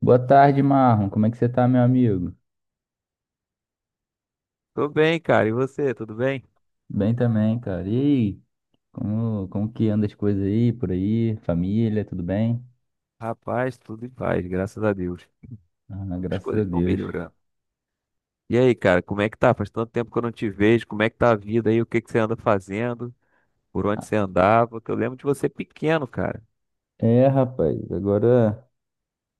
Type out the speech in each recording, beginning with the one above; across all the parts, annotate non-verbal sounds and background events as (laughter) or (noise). Boa tarde, Marlon. Como é que você tá, meu amigo? Tô bem, cara. E você, tudo bem? Bem também, cara. E aí, como que anda as coisas aí, por aí? Família, tudo bem? Rapaz, tudo em paz, graças a Deus. Ah, As graças a coisas estão Deus. melhorando. E aí, cara, como é que tá? Faz tanto tempo que eu não te vejo. Como é que tá a vida aí? O que que você anda fazendo? Por onde você andava? Que eu lembro de você pequeno, cara. É, rapaz, agora,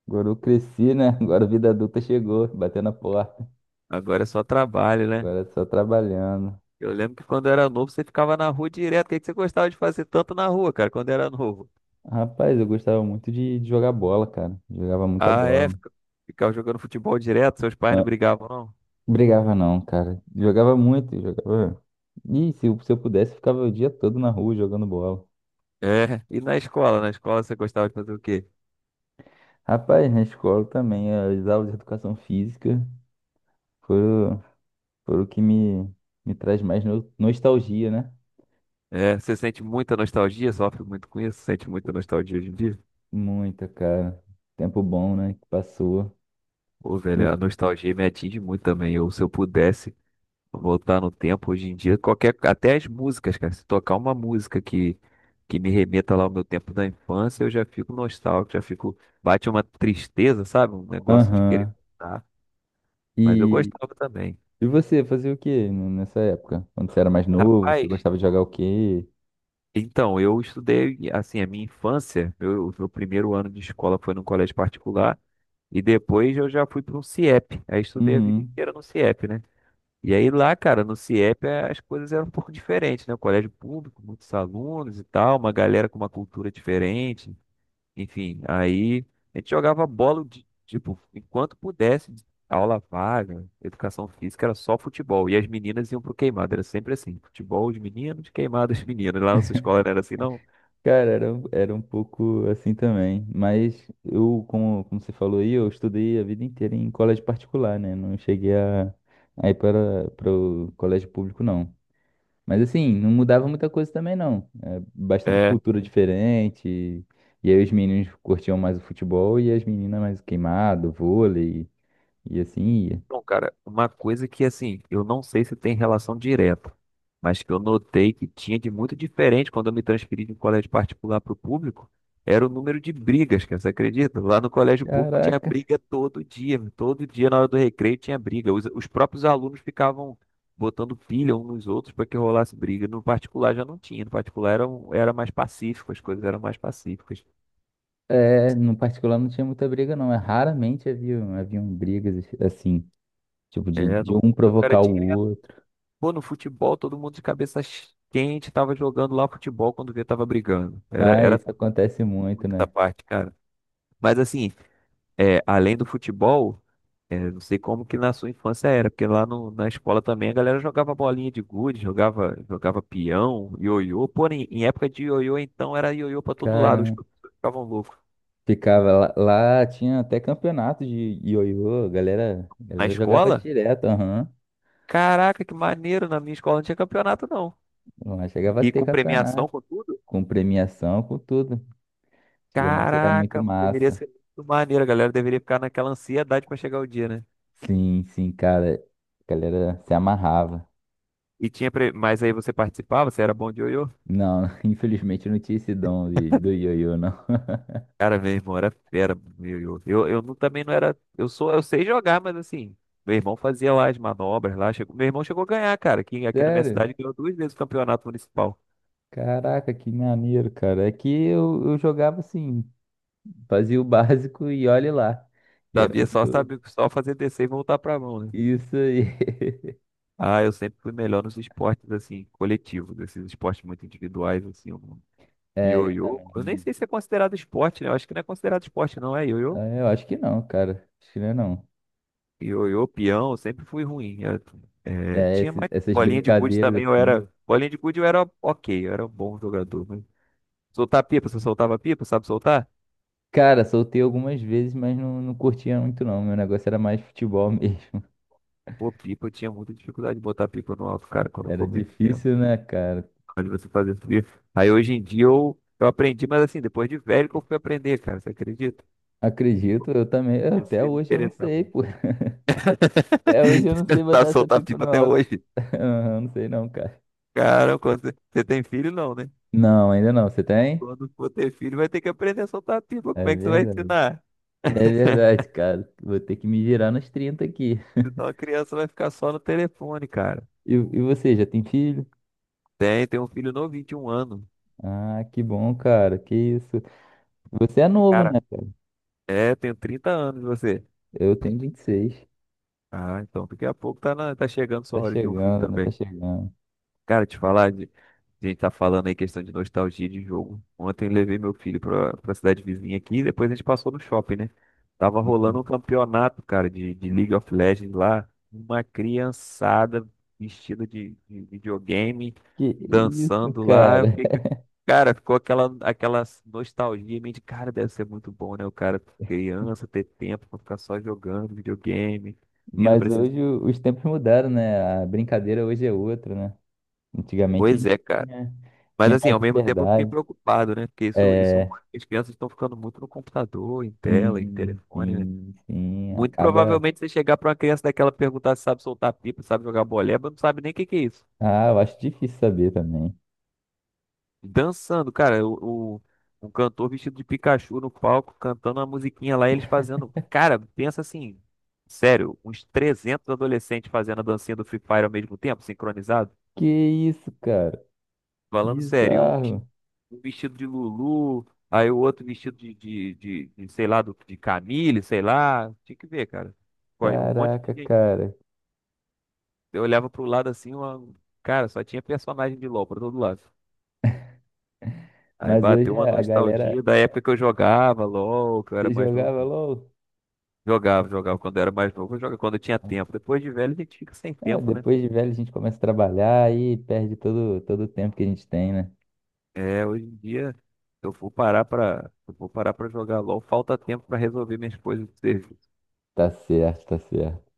agora eu cresci, né? (laughs) Agora a vida adulta chegou, batendo a porta. Agora é só trabalho, né? Agora é só trabalhando. Eu lembro que quando eu era novo, você ficava na rua direto. O que que você gostava de fazer tanto na rua, cara, quando era novo? Rapaz, eu gostava muito de jogar bola, cara. Jogava muita Ah, é? bola. Ficava jogando futebol direto, seus pais não Ah, brigavam, não? brigava não, cara. Jogava muito, jogava. Ih, se eu pudesse, ficava o dia todo na rua jogando bola. É. E na escola? Na escola você gostava de fazer o quê? Rapaz, na escola também, as aulas de educação física foram, foram o que me traz mais nostalgia, né? É, você sente muita nostalgia, sofre muito com isso, sente muita nostalgia hoje em dia? Muita, cara. Tempo bom, né? Que passou. Pô, velho, a Eu, nostalgia me atinge muito também. Eu, se eu pudesse voltar no tempo hoje em dia, qualquer, até as músicas, cara, se tocar uma música que me remeta lá ao meu tempo da infância, eu já fico nostálgico, já fico, bate uma tristeza, sabe? Um negócio de querer aham. voltar. Mas eu E, gostava também. e você fazia o quê nessa época? Quando você era mais novo, você Rapaz, gostava de jogar o quê? então, eu estudei, assim, a minha infância, meu, o meu primeiro ano de escola foi num colégio particular, e depois eu já fui para um CIEP. Aí estudei a vida Uhum. inteira no CIEP, né? E aí lá, cara, no CIEP as coisas eram um pouco diferentes, né? O colégio público, muitos alunos e tal, uma galera com uma cultura diferente. Enfim, aí a gente jogava bola, tipo, enquanto pudesse, aula vaga, educação física, era só futebol. E as meninas iam pro queimado, era sempre assim, futebol os meninos, queimado os meninas. Lá na sua escola não era assim, não? Cara, era um pouco assim também. Mas eu, como você falou aí, eu estudei a vida inteira em colégio particular, né? Não cheguei a ir para o colégio público, não. Mas assim, não mudava muita coisa também não. É bastante É. cultura diferente. E aí os meninos curtiam mais o futebol e as meninas mais o queimado, vôlei e assim ia. Então, cara, uma coisa que assim, eu não sei se tem relação direta, mas que eu notei que tinha de muito diferente quando eu me transferi de um colégio particular para o público, era o número de brigas, cara, você acredita? Lá no colégio público tinha Caraca. briga todo dia na hora do recreio tinha briga. Os próprios alunos ficavam botando pilha uns nos outros para que rolasse briga. No particular já não tinha, no particular era, era mais pacífico, as coisas eram mais pacíficas. É, no particular não tinha muita briga não. É, raramente haviam brigas assim, tipo É, de no um público era provocar o direto. outro. Pô, no futebol, todo mundo de cabeça quente tava jogando lá futebol quando vê tava brigando. Era, Ah, era isso acontece muito, muita né? parte, cara. Mas assim, é, além do futebol, é, não sei como que na sua infância era, porque lá na escola também a galera jogava bolinha de gude, jogava, peão, ioiô. Porém, em época de ioiô, então era ioiô pra todo lado, os Caramba. professores ficavam loucos. Ficava lá, lá tinha até campeonato de ioiô, a Na galera jogava escola? direto, aham. Caraca, que maneiro! Na minha escola não tinha campeonato, não. Lá chegava a E ter com premiação, campeonato. com tudo. Com premiação, com tudo. Antigamente era muito Caraca, mano, deveria massa. ser muito maneiro, a galera deveria ficar naquela ansiedade pra chegar o dia, né? Sim, sim, cara. A galera se amarrava. E tinha, mas aí você participava, você era bom de ioiô? Não, (laughs) infelizmente eu não tinha esse dom do ioiô, não. Cara, meu irmão era fera, meu ioiô. Eu, também não era, eu sou, eu sei jogar, mas assim, meu irmão fazia lá as manobras lá, meu irmão chegou a ganhar, cara. Aqui na minha Sério? cidade ganhou duas vezes o campeonato municipal. Caraca, que maneiro, cara. É que eu jogava assim, fazia o (laughs) básico e olhe lá. E era Sabia só, muito sabia só fazer descer e voltar pra mão, né? isso aí. (laughs) Ah, eu sempre fui melhor nos esportes assim, coletivos, esses esportes muito individuais assim, eu É, eu Ioiô, eu nem também. sei se é considerado esporte, né? Eu acho que não é considerado esporte, não, é ioiô. Ah, eu acho que não, cara. Acho que não é não. Ioiô, peão, eu sempre fui ruim. Eu, É, tinha mais essas bolinha de gude brincadeiras também, eu assim. era. Bolinha de gude eu era ok, eu era um bom jogador. Mas... Soltar pipa, você soltava pipa, sabe soltar? Cara, soltei algumas vezes, mas não, não curtia muito não. Meu negócio era mais futebol mesmo. Pô, pipa, eu tinha muita dificuldade de botar pipa no alto, cara, (laughs) quando eu Era comia peão. difícil, né, cara? Quando você fazia subir. Aí hoje em dia eu aprendi, mas assim, depois de velho que eu fui aprender, cara, você acredita? Acredito, eu também. Até Comecei a me hoje eu não interessar. sei, pô. (laughs) (laughs) Até hoje eu não Você sei não botar sabe essa soltar pipa pipa no até alto. hoje. (laughs) Eu não sei não, cara. Caramba, quando você tem filho, não, né? Não, ainda não. Você tem? Quando for ter filho, vai ter que aprender a soltar pipa. Como É é que você vai verdade. ensinar? É (laughs) verdade, cara. Vou ter que me virar nos 30 aqui. Senão a criança vai ficar só no telefone, cara. E você, já tem filho? Tem um filho novo, 21 anos. Ah, que bom, cara. Que isso. Você é novo, Cara, né? Tenho 30 anos você. Eu tenho 26. Ah, então daqui a pouco tá, tá chegando sua Tá hora de ter um filho chegando, né? Tá também. chegando. Cara, te falar, a gente tá falando aí questão de nostalgia de jogo. Ontem levei meu filho pra cidade vizinha aqui e depois a gente passou no shopping, né? Tava rolando um Uhum. campeonato, cara, de League of Legends lá. Uma criançada vestida de videogame, Que isso, dançando lá. Eu cara? fiquei, cara, ficou aquela nostalgia em mim de, cara, deve ser muito bom, né? O cara, criança, ter tempo pra ficar só jogando videogame, vindo Mas pra esse. hoje os tempos mudaram, né? A brincadeira hoje é outra, né? Antigamente a Pois gente é, cara. tinha, Mas tinha assim, mais ao mesmo tempo eu fiquei liberdade. preocupado, né? Porque É, as crianças estão ficando muito no computador, em tela, em sim, telefone, né? sim, sim. Muito Acaba. provavelmente você chegar pra uma criança daquela perguntar se sabe soltar pipa, sabe jogar boleba, não sabe nem o que que é isso. Ah, eu acho difícil saber também. Dançando, cara, um cantor vestido de Pikachu no palco, cantando uma musiquinha lá, e eles fazendo. Cara, pensa assim, sério, uns 300 adolescentes fazendo a dancinha do Free Fire ao mesmo tempo, sincronizado. Que isso, cara? Falando sério, Bizarro. um vestido de Lulu, aí o outro vestido sei lá, de Camille, sei lá. Tinha que ver, cara. Um monte de Caraca, gente. cara. Eu olhava pro lado assim, cara, só tinha personagem de LOL pra todo lado. Aí Mas hoje bateu uma a galera nostalgia da época que eu jogava LOL, que eu era se mais novo. jogava LOL. Jogava quando eu era mais novo, eu jogava quando eu tinha tempo. Depois de velho a gente fica sem É, tempo, né? depois de velho a gente começa a trabalhar e perde todo o tempo que a gente tem, né? É, hoje em dia, se eu for parar pra, se eu for parar pra jogar LOL, falta tempo pra resolver minhas coisas de serviço. Tá certo, tá certo.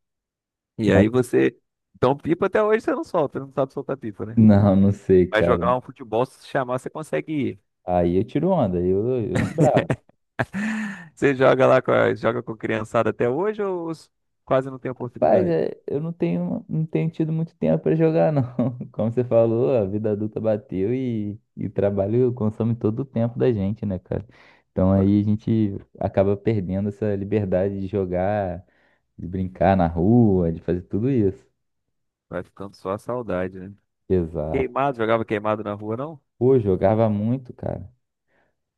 E Mas aí você. Então, pipa até hoje você não solta, não sabe soltar pipa, né? não, não sei, Vai cara. jogar um futebol, se chamar, você consegue ir. Aí eu tiro onda, eu sou brabo. (laughs) Você joga lá joga com criançada até hoje ou quase não tem Rapaz, oportunidade? é, eu não tenho tido muito tempo pra jogar, não. (laughs) Como você falou, a vida adulta bateu e o trabalho consome todo o tempo da gente, né, cara? Então Vai aí a gente acaba perdendo essa liberdade de jogar, de brincar na rua, de fazer tudo isso. vai ficando só a saudade, né? Exato. Queimado, jogava queimado na rua, não? Pô, jogava muito, cara.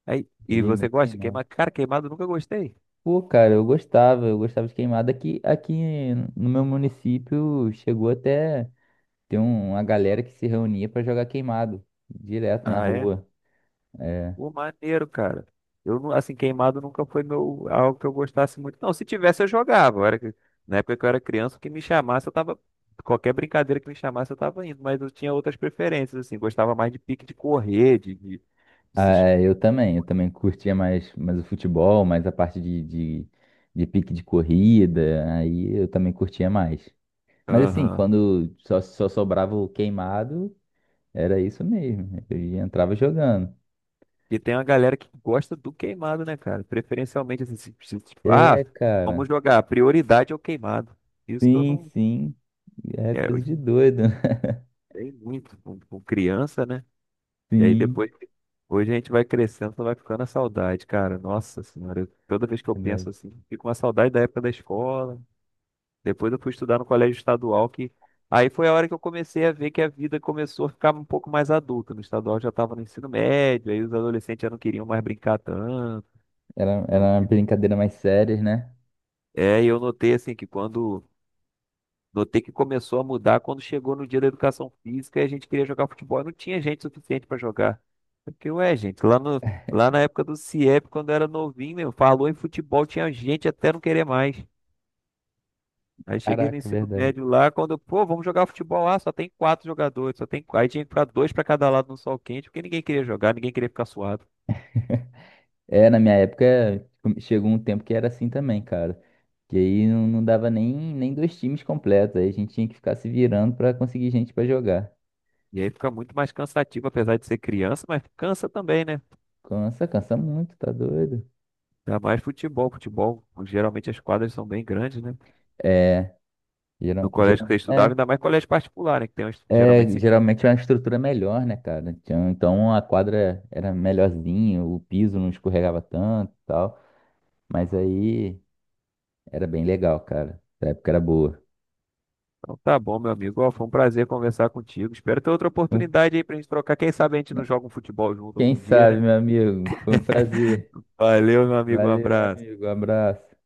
Aí, e Joguei você muito gosta de queimado. queimado? Cara, queimado eu nunca gostei. Pô, cara, eu gostava de queimada. Aqui no meu município chegou até. Tem uma galera que se reunia pra jogar queimado, direto na Ah, é? rua. É. Pô, maneiro, cara. Assim, queimado nunca foi meu, algo que eu gostasse muito. Não, se tivesse, eu jogava. Na época que eu era criança, o que me chamasse, eu tava. Qualquer brincadeira que me chamasse, eu tava indo. Mas eu tinha outras preferências, assim. Gostava mais de pique de correr, de Ah, se... es- é, eu também curtia mais, o futebol, mais a parte de pique de corrida, aí eu também curtia mais. Mas assim, Aham. quando só sobrava o queimado, era isso mesmo, entrava jogando. E tem uma galera que gosta do queimado, né, cara? Preferencialmente, assim, tipo, ah, É, vamos cara, jogar. A prioridade é o queimado. Isso que eu sim, não. sim, é É, coisa eu de doido, (laughs) tem muito com criança, né? E aí sim. depois, hoje a gente vai crescendo, só vai ficando a saudade, cara. Nossa senhora, toda vez que eu penso Verdade. assim, fico com uma saudade da época da escola. Depois eu fui estudar no colégio estadual, que aí foi a hora que eu comecei a ver que a vida começou a ficar um pouco mais adulta. No estadual eu já estava no ensino médio, aí os adolescentes já não queriam mais brincar tanto. Era uma brincadeira mais séria, né? É, e eu notei assim que quando Notei que começou a mudar quando chegou no dia da educação física e a gente queria jogar futebol. Não tinha gente suficiente para jogar. Eu fiquei, ué, gente, lá, no, lá na época do CIEP, quando eu era novinho, meu, falou em futebol, tinha gente até não querer mais. Aí cheguei no Caraca, ensino verdade. médio lá, quando eu, pô, vamos jogar futebol lá, só tem quatro jogadores, só tem quatro. Aí tinha que ficar dois para cada lado no sol quente, porque ninguém queria jogar, ninguém queria ficar suado. É, na minha época, tipo, chegou um tempo que era assim também, cara. Que aí não, não dava nem dois times completos. Aí a gente tinha que ficar se virando pra conseguir gente pra jogar. E aí fica muito mais cansativo, apesar de ser criança, mas cansa também, né? Cansa, cansa muito, tá doido? Ainda mais futebol, futebol, geralmente as quadras são bem grandes, né? É, No geral, colégio que você geral, estudava, é, ainda mais colégio particular, né? Que tem uns, geralmente assim. geralmente é uma estrutura melhor, né, cara? Então a quadra era melhorzinha, o piso não escorregava tanto e tal. Mas aí era bem legal, cara. A época era boa. Então tá bom, meu amigo. Ó, foi um prazer conversar contigo. Espero ter outra Um- oportunidade aí pra gente trocar. Quem sabe a gente não joga um futebol junto Quem algum dia, sabe, né? meu amigo? Foi um prazer. Valeu, meu amigo. Um Valeu, meu abraço. amigo. Abraço.